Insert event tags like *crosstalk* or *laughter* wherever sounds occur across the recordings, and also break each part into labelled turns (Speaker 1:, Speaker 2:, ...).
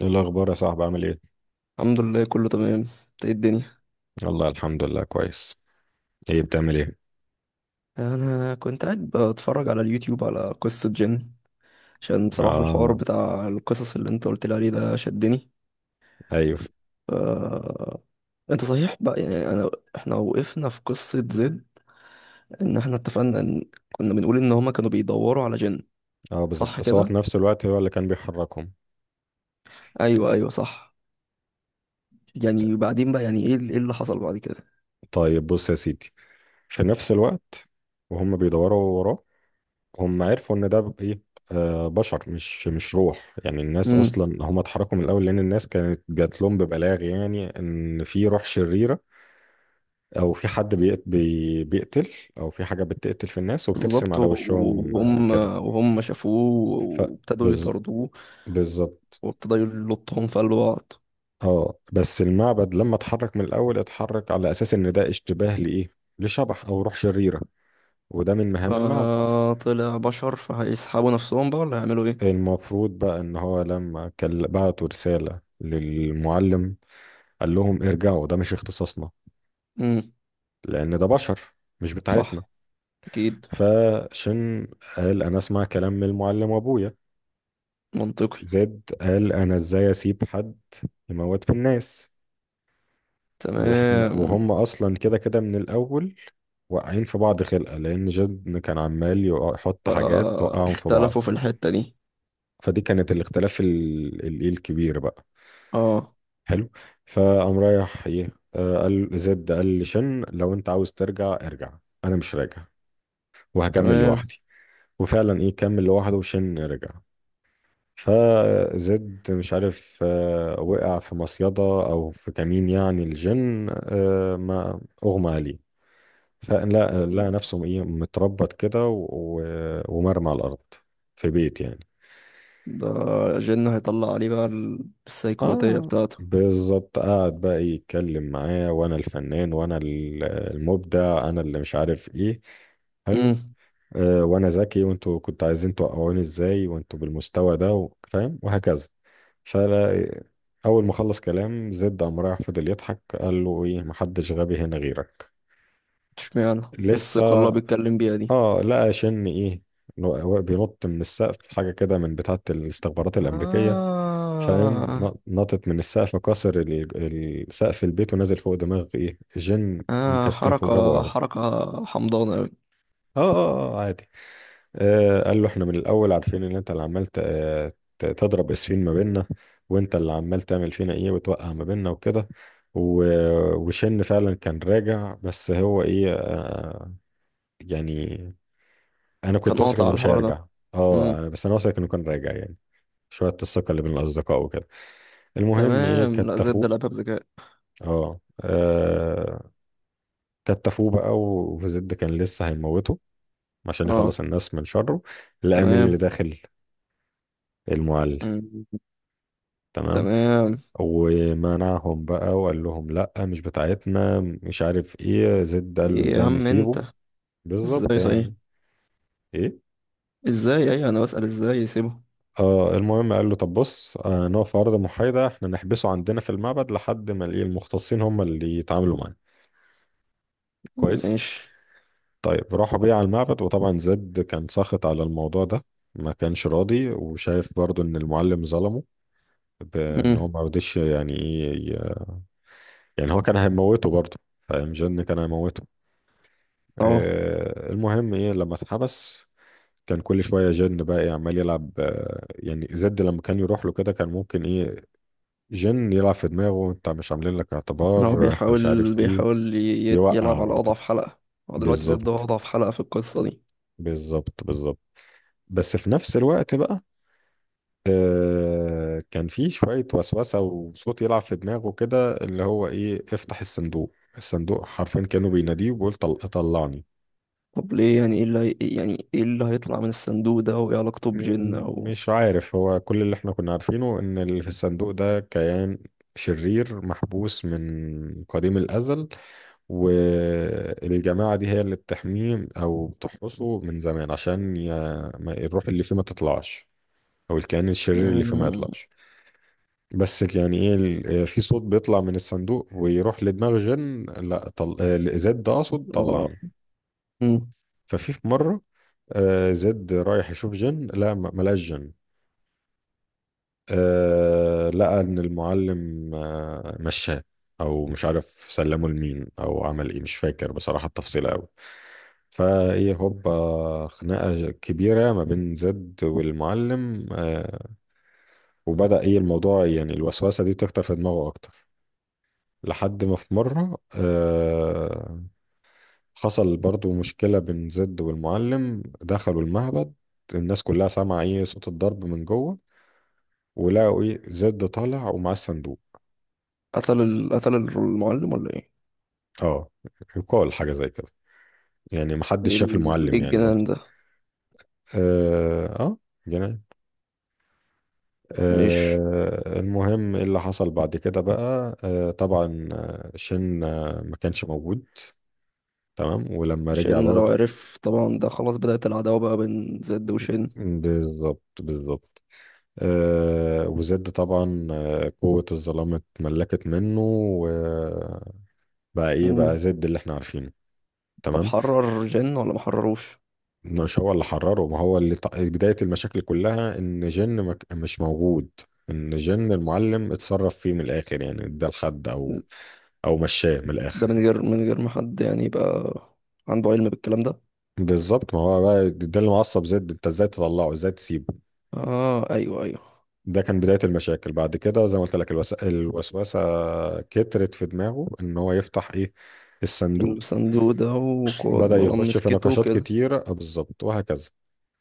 Speaker 1: ايه الاخبار يا صاحبي؟ عامل ايه؟
Speaker 2: الحمد لله كله تمام. انت ايه الدنيا؟
Speaker 1: والله الحمد لله كويس. ايه بتعمل ايه؟
Speaker 2: انا كنت قاعد بتفرج على اليوتيوب على قصة جن، عشان بصراحة الحوار
Speaker 1: اه،
Speaker 2: بتاع القصص اللي انت قلت لي عليه ده شدني.
Speaker 1: ايوه.
Speaker 2: ف... انت صحيح بقى، يعني انا احنا وقفنا في قصة زد، ان احنا اتفقنا ان كنا بنقول ان هما كانوا بيدوروا على جن.
Speaker 1: اه بالظبط،
Speaker 2: صح
Speaker 1: بس هو في
Speaker 2: كده؟
Speaker 1: نفس الوقت هو اللي كان بيحركهم.
Speaker 2: ايوه ايوه صح. يعني وبعدين بقى، يعني ايه ايه اللي حصل بعد كده؟
Speaker 1: طيب بص يا سيدي، في نفس الوقت وهم بيدوروا وراه، هم عرفوا ان ده ب- ايه آه بشر، مش روح، يعني الناس
Speaker 2: امم.
Speaker 1: اصلا هم اتحركوا من الاول لان الناس كانت جات لهم ببلاغ يعني ان في روح شريره، او في حد بيقتل، او في حاجه بتقتل في الناس وبترسم
Speaker 2: بالظبط
Speaker 1: على وشهم
Speaker 2: وهم
Speaker 1: كده.
Speaker 2: وهم شافوه،
Speaker 1: ف
Speaker 2: وابتدوا
Speaker 1: بز-
Speaker 2: يطاردوه،
Speaker 1: بالظبط.
Speaker 2: وابتدوا يلطهم في قلب بعض.
Speaker 1: اه، بس المعبد لما اتحرك من الاول اتحرك على اساس ان ده اشتباه لايه، لشبح او روح شريره، وده من مهام المعبد.
Speaker 2: فطلع بشر، فهيسحبوا نفسهم بقى ولا هيعملوا ايه؟
Speaker 1: المفروض بقى ان هو لما كان بعتوا رساله للمعلم قال لهم ارجعوا، ده مش اختصاصنا،
Speaker 2: امم.
Speaker 1: لان ده بشر، مش بتاعتنا.
Speaker 2: صح. اكيد.
Speaker 1: فشن قال انا اسمع كلام من المعلم وابويا.
Speaker 2: منطقي.
Speaker 1: زد قال انا ازاي اسيب حد يموت في الناس، واحنا
Speaker 2: تمام.
Speaker 1: وهم اصلا كده كده من الاول واقعين في بعض خلقة، لأن جد كان عمال يحط حاجات توقعهم في
Speaker 2: فاختلفوا
Speaker 1: بعض.
Speaker 2: في الحتة دي.
Speaker 1: فدي كانت الاختلاف الكبير بقى.
Speaker 2: اه.
Speaker 1: حلو. فقام رايح ايه، قال زد، قال لشن لو انت عاوز ترجع ارجع، انا مش راجع وهكمل
Speaker 2: تمام.
Speaker 1: لوحدي. وفعلا ايه كمل لوحده وشن رجع. فزد مش عارف وقع في مصيدة او في كمين، يعني الجن ما اغمى عليه، فلا لقى نفسه ايه متربط كده ومرمى على الارض في بيت يعني.
Speaker 2: ده جن هيطلع عليه بقى السيكوباتية
Speaker 1: اه
Speaker 2: بتاعته.
Speaker 1: بالظبط، قعد بقى يتكلم معاه: وانا الفنان وانا المبدع، انا اللي مش عارف ايه. حلو.
Speaker 2: امم.
Speaker 1: آه وانا ذكي، وانتوا كنتوا عايزين توقعوني ازاي وانتوا بالمستوى ده فاهم، وهكذا. فلا، اول ما خلص كلام زد قام رايح فضل يضحك، قال له ايه، محدش غبي هنا غيرك.
Speaker 2: اشمعنى ايه
Speaker 1: لسه
Speaker 2: الثقة اللي هو بيتكلم بيها دي؟
Speaker 1: اه، لقى شن ايه، بينط من السقف حاجه كده من بتاعه الاستخبارات الامريكيه، فاهم،
Speaker 2: آه.
Speaker 1: نطت من السقف، كسر سقف البيت ونزل فوق دماغ ايه جن،
Speaker 2: آه،
Speaker 1: مكتفه وجابه
Speaker 2: حركة
Speaker 1: ارض.
Speaker 2: حركة حمضانة أوي.
Speaker 1: اه اه عادي. آه قال له احنا من الاول عارفين ان انت اللي عمال تضرب اسفين ما بيننا، وانت اللي عمال تعمل فينا ايه، وتوقع ما بيننا وكده. وشن فعلا كان راجع، بس هو ايه آه يعني، انا
Speaker 2: كان
Speaker 1: كنت واثق
Speaker 2: قاطع
Speaker 1: انه
Speaker 2: على
Speaker 1: مش
Speaker 2: الحوار ده.
Speaker 1: هيرجع.
Speaker 2: امم.
Speaker 1: اه بس انا واثق انه كان راجع يعني، شويه الثقه اللي بين الاصدقاء وكده. المهم ايه
Speaker 2: تمام. لا زد
Speaker 1: كتفوه.
Speaker 2: لعبها بذكاء.
Speaker 1: اه كتفوه بقى، وزد كان لسه هيموته عشان
Speaker 2: اه.
Speaker 1: يخلص الناس من شره. لقى مين اللي
Speaker 2: تمام.
Speaker 1: داخل؟ المعلم.
Speaker 2: مم.
Speaker 1: تمام.
Speaker 2: تمام.
Speaker 1: ومنعهم بقى وقال لهم لا، مش بتاعتنا، مش عارف ايه. زد قال له
Speaker 2: ايه يا
Speaker 1: ازاي
Speaker 2: عم
Speaker 1: نسيبه،
Speaker 2: انت؟
Speaker 1: بالظبط
Speaker 2: ازاي صحيح؟
Speaker 1: يعني. ايه
Speaker 2: ازاي؟ ايه، انا بسأل ازاي يسيبه.
Speaker 1: آه، المهم قال له طب بص، نقف في أرض محايدة، احنا نحبسه عندنا في المعبد لحد ما الايه، المختصين هم اللي يتعاملوا معاه. كويس.
Speaker 2: ماشي.
Speaker 1: طيب راحوا بيه على المعبد، وطبعا زد كان ساخط على الموضوع ده، ما كانش راضي وشايف برضو ان المعلم ظلمه، بان هو
Speaker 2: امم.
Speaker 1: ما رضيش يعني ايه، يعني هو كان هيموته برضو، فاهم، جن كان هيموته.
Speaker 2: اه.
Speaker 1: آه المهم ايه لما اتحبس، كان كل شوية جن بقى إيه عمال يلعب، يعني زد لما كان يروح له كده كان ممكن ايه، جن يلعب في دماغه: انت مش عاملين لك
Speaker 2: إن هو
Speaker 1: اعتبار، انت مش
Speaker 2: بيحاول
Speaker 1: عارف ايه،
Speaker 2: بيحاول
Speaker 1: يوقع
Speaker 2: يلعب على
Speaker 1: برضه.
Speaker 2: اضعف حلقة. هو دلوقتي زد هو
Speaker 1: بالظبط
Speaker 2: اضعف حلقة في القصة دي.
Speaker 1: بالظبط بالظبط بس في نفس الوقت بقى آه كان في شوية وسوسة وصوت يلعب في دماغه كده، اللي هو ايه، افتح الصندوق. الصندوق حرفيا كانوا بيناديه وبيقول طلعني.
Speaker 2: طب ليه؟ يعني ايه يعني ايه اللي هيطلع من الصندوق ده وايه علاقته بجن او...
Speaker 1: مش عارف، هو كل اللي احنا كنا عارفينه ان اللي في الصندوق ده كيان شرير محبوس من قديم الأزل، والجماعة دي هي اللي بتحميه أو بتحرسه من زمان، عشان ما الروح اللي فيه ما تطلعش، أو الكائن الشرير اللي فيه ما
Speaker 2: مم.
Speaker 1: يطلعش. بس يعني إيه في صوت بيطلع من الصندوق ويروح لدماغ جن، لا طل... آه، زد ده أقصد،
Speaker 2: اه.
Speaker 1: طلعني.
Speaker 2: مم.
Speaker 1: ففي في مرة زد رايح يشوف جن، لا ملاش جن، لقى إن المعلم مشاه، أو مش عارف سلمه لمين أو عمل إيه، مش فاكر بصراحة التفصيل أوي. فهي هوبا خناقة كبيرة ما بين زد والمعلم وبدأ ايه الموضوع يعني الوسوسة دي تكتر في دماغه أكتر. لحد ما في مرة حصل برضو مشكلة بين زد والمعلم، دخلوا المعبد، الناس كلها سامعة ايه صوت الضرب من جوه، ولقوا ايه زد طالع ومعاه الصندوق.
Speaker 2: قتل المعلم ولا ايه؟
Speaker 1: اه، يقال حاجة زي كده، يعني محدش
Speaker 2: ايه
Speaker 1: شاف
Speaker 2: إيه
Speaker 1: المعلم يعني برضو.
Speaker 2: الجنان ده؟
Speaker 1: اه جنان.
Speaker 2: مش...
Speaker 1: المهم إيه اللي حصل بعد كده بقى، طبعا شن ما كانش موجود. تمام، ولما رجع
Speaker 2: شن لو
Speaker 1: برضو،
Speaker 2: عرف طبعا ده خلاص بدأت العداوة بقى بين زد وشن.
Speaker 1: بالظبط بالظبط. وزد طبعا قوة الظلام اتملكت منه، وبقى ايه بقى زد اللي احنا عارفينه.
Speaker 2: طب
Speaker 1: تمام.
Speaker 2: حرر جن ولا ما حرروش؟
Speaker 1: مش هو اللي حرره، ما هو اللي بداية المشاكل كلها ان جن ما ك- مش موجود، ان جن المعلم اتصرف فيه من الاخر يعني، ده الحد او او مشاه من
Speaker 2: ده
Speaker 1: الاخر.
Speaker 2: من غير ما حد يعني يبقى عنده علم بالكلام ده.
Speaker 1: بالظبط، ما هو بقى ده اللي معصب زد، انت ازاي تطلعه، ازاي تسيبه.
Speaker 2: اه ايوه ايوه.
Speaker 1: ده كان بداية المشاكل، بعد كده زي ما قلت لك الوسوسة كترت في دماغه ان هو يفتح ايه، الصندوق.
Speaker 2: الصندوق ده وقوى
Speaker 1: بدأ
Speaker 2: الظلام
Speaker 1: يخش في
Speaker 2: مسكته
Speaker 1: نقاشات
Speaker 2: وكده.
Speaker 1: كتيرة بالظبط وهكذا.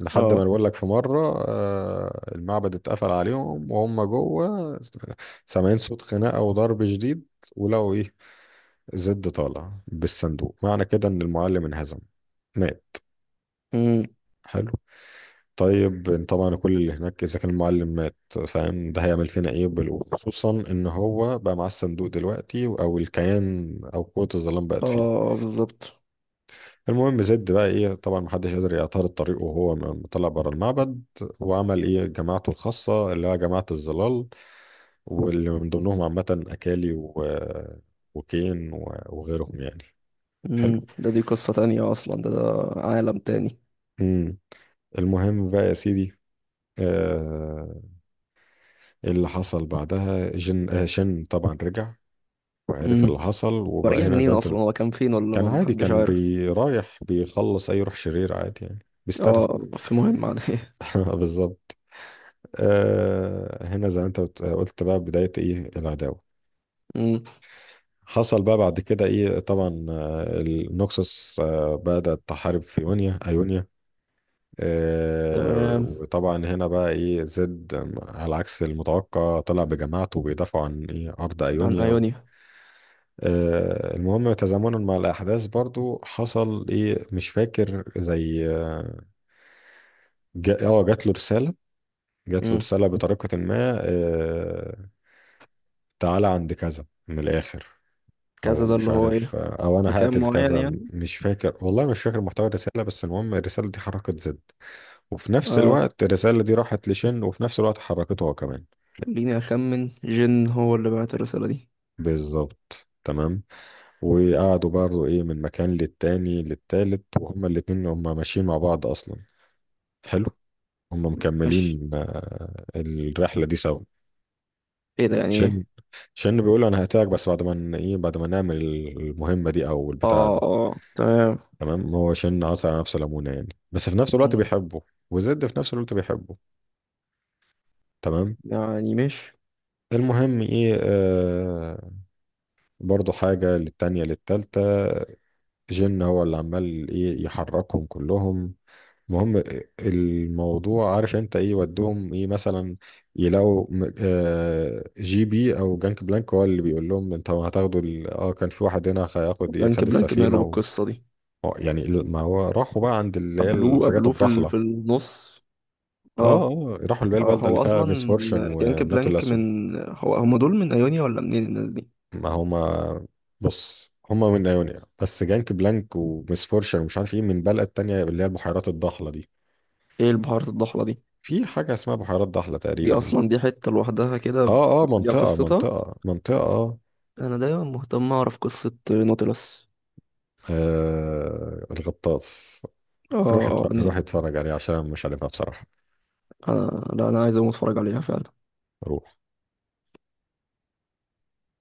Speaker 1: لحد ما
Speaker 2: اه.
Speaker 1: نقول لك في مرة المعبد اتقفل عليهم وهم جوه، سامعين صوت خناقة وضرب شديد، ولقوا ايه زد طالع بالصندوق، معنى كده ان المعلم انهزم، مات.
Speaker 2: امم.
Speaker 1: حلو. طيب طبعا كل اللي هناك اذا كان المعلم مات، فاهم ده هيعمل فينا ايه وخصوصا ان هو بقى معاه الصندوق دلوقتي، او الكيان، او قوة الظلام بقت فيه.
Speaker 2: اه بالظبط.
Speaker 1: المهم زد بقى ايه طبعا محدش يقدر يعترض طريقه، وهو طلع بره المعبد، وعمل ايه جماعته الخاصة اللي هي جماعة الظلال، واللي من ضمنهم عامة اكالي وكين وغيرهم يعني. حلو.
Speaker 2: امم. ده دي قصة تانية اصلا، ده عالم تاني.
Speaker 1: امم. المهم بقى يا سيدي، آه اللي حصل بعدها جن، آه شن طبعا رجع وعرف
Speaker 2: امم.
Speaker 1: اللي حصل، وبقى
Speaker 2: ورجع
Speaker 1: هنا زي
Speaker 2: منين؟
Speaker 1: ما انت
Speaker 2: اصلا هو كان فين ولا
Speaker 1: كان
Speaker 2: ما
Speaker 1: عادي،
Speaker 2: حدش
Speaker 1: كان
Speaker 2: عارف؟
Speaker 1: بيرايح بيخلص اي روح شرير عادي يعني، بيسترزق.
Speaker 2: اه في مهمة عادية.
Speaker 1: *laughs* بالظبط. آه هنا زي ما انت قلت بقى، بداية ايه العداوة.
Speaker 2: امم.
Speaker 1: حصل بقى بعد كده ايه، طبعا النوكسوس آه بدأت تحارب في ايونيا، ايونيا.
Speaker 2: *laughs*
Speaker 1: آه
Speaker 2: تمام.
Speaker 1: وطبعا هنا بقى ايه زد على عكس المتوقع، طلع بجماعته بيدافعوا عن ايه، ارض
Speaker 2: عن
Speaker 1: ايونيا.
Speaker 2: ايونيا.
Speaker 1: المهم تزامنا مع الأحداث برضو حصل إيه، مش فاكر زي آه جات له رسالة، جات له
Speaker 2: امم.
Speaker 1: رسالة بطريقة ما تعالى عند كذا من الآخر، أو
Speaker 2: كذا ده
Speaker 1: مش
Speaker 2: اللي هو
Speaker 1: عارف
Speaker 2: ايه؟
Speaker 1: أو أنا
Speaker 2: مكان
Speaker 1: هقتل
Speaker 2: معين
Speaker 1: كذا،
Speaker 2: يعني؟
Speaker 1: مش فاكر والله، مش فاكر محتوى الرسالة، بس المهم الرسالة دي حركت زد، وفي نفس
Speaker 2: اه
Speaker 1: الوقت الرسالة دي راحت لشن وفي نفس الوقت حركته هو كمان.
Speaker 2: خليني أخمن، جن هو اللي بعت الرسالة دي.
Speaker 1: بالظبط تمام. وقعدوا برضو إيه من مكان للتاني للتالت، وهما الاتنين هما ماشيين مع بعض أصلا. حلو. هم
Speaker 2: ماشي.
Speaker 1: مكملين الرحلة دي سوا.
Speaker 2: ايه ده يعني
Speaker 1: شن
Speaker 2: ايه؟
Speaker 1: شن بيقول له انا هقتلك، بس بعد ما ن- ايه بعد ما نعمل المهمة دي او البتاعة
Speaker 2: اه
Speaker 1: دي.
Speaker 2: اه تمام.
Speaker 1: تمام، هو شن عصر على نفسه ليمونة يعني، بس في نفس الوقت
Speaker 2: مم.
Speaker 1: بيحبه، وزد في نفس الوقت بيحبه. تمام.
Speaker 2: يعني مش...
Speaker 1: المهم ايه آه برضو حاجة للتانية للتالتة، جن هو اللي عمال ايه يحركهم كلهم. المهم، الموضوع عارف انت ايه ودهم ايه مثلا، يلاقوا جي بي او جانك بلانك هو اللي بيقول لهم انتوا هتاخدوا اه كان في واحد هنا هياخد ايه،
Speaker 2: بلانك
Speaker 1: خد
Speaker 2: بلانك ماله
Speaker 1: السفينه و...
Speaker 2: بالقصة دي؟
Speaker 1: آه، يعني ما هو راحوا بقى عند اللي هي
Speaker 2: قبلوه
Speaker 1: الحاجات
Speaker 2: قبلوه في
Speaker 1: الضحله.
Speaker 2: في النص.
Speaker 1: اه
Speaker 2: اه.
Speaker 1: اه راحوا اللي هي
Speaker 2: اه.
Speaker 1: البلده اللي
Speaker 2: هو
Speaker 1: فيها ميس
Speaker 2: اصلا
Speaker 1: فورشن
Speaker 2: جانك
Speaker 1: والناتو
Speaker 2: بلانك
Speaker 1: الاسود.
Speaker 2: من هو؟ هما دول من ايونيا ولا منين الناس دي؟
Speaker 1: ما هما بص، هما من ايونيا، بس جانك بلانك وميس فورشن ومش عارف ايه من بلد تانية اللي هي البحيرات الضحله دي.
Speaker 2: ايه البهارات الضحلة دي؟
Speaker 1: في حاجه اسمها بحيرات ضحله
Speaker 2: دي
Speaker 1: تقريبا.
Speaker 2: اصلا دي حتة لوحدها كده
Speaker 1: اه اه
Speaker 2: ليها
Speaker 1: منطقة
Speaker 2: قصتها.
Speaker 1: منطقة منطقة
Speaker 2: انا دايما مهتم اعرف قصة نوتيلاس.
Speaker 1: آه الغطاس.
Speaker 2: اه.
Speaker 1: روح
Speaker 2: آه،
Speaker 1: روح
Speaker 2: يعني
Speaker 1: اتفرج عليه عشان انا مش عارفها بصراحة.
Speaker 2: انا لا انا عايز اقوم اتفرج عليها فعلا.
Speaker 1: روح.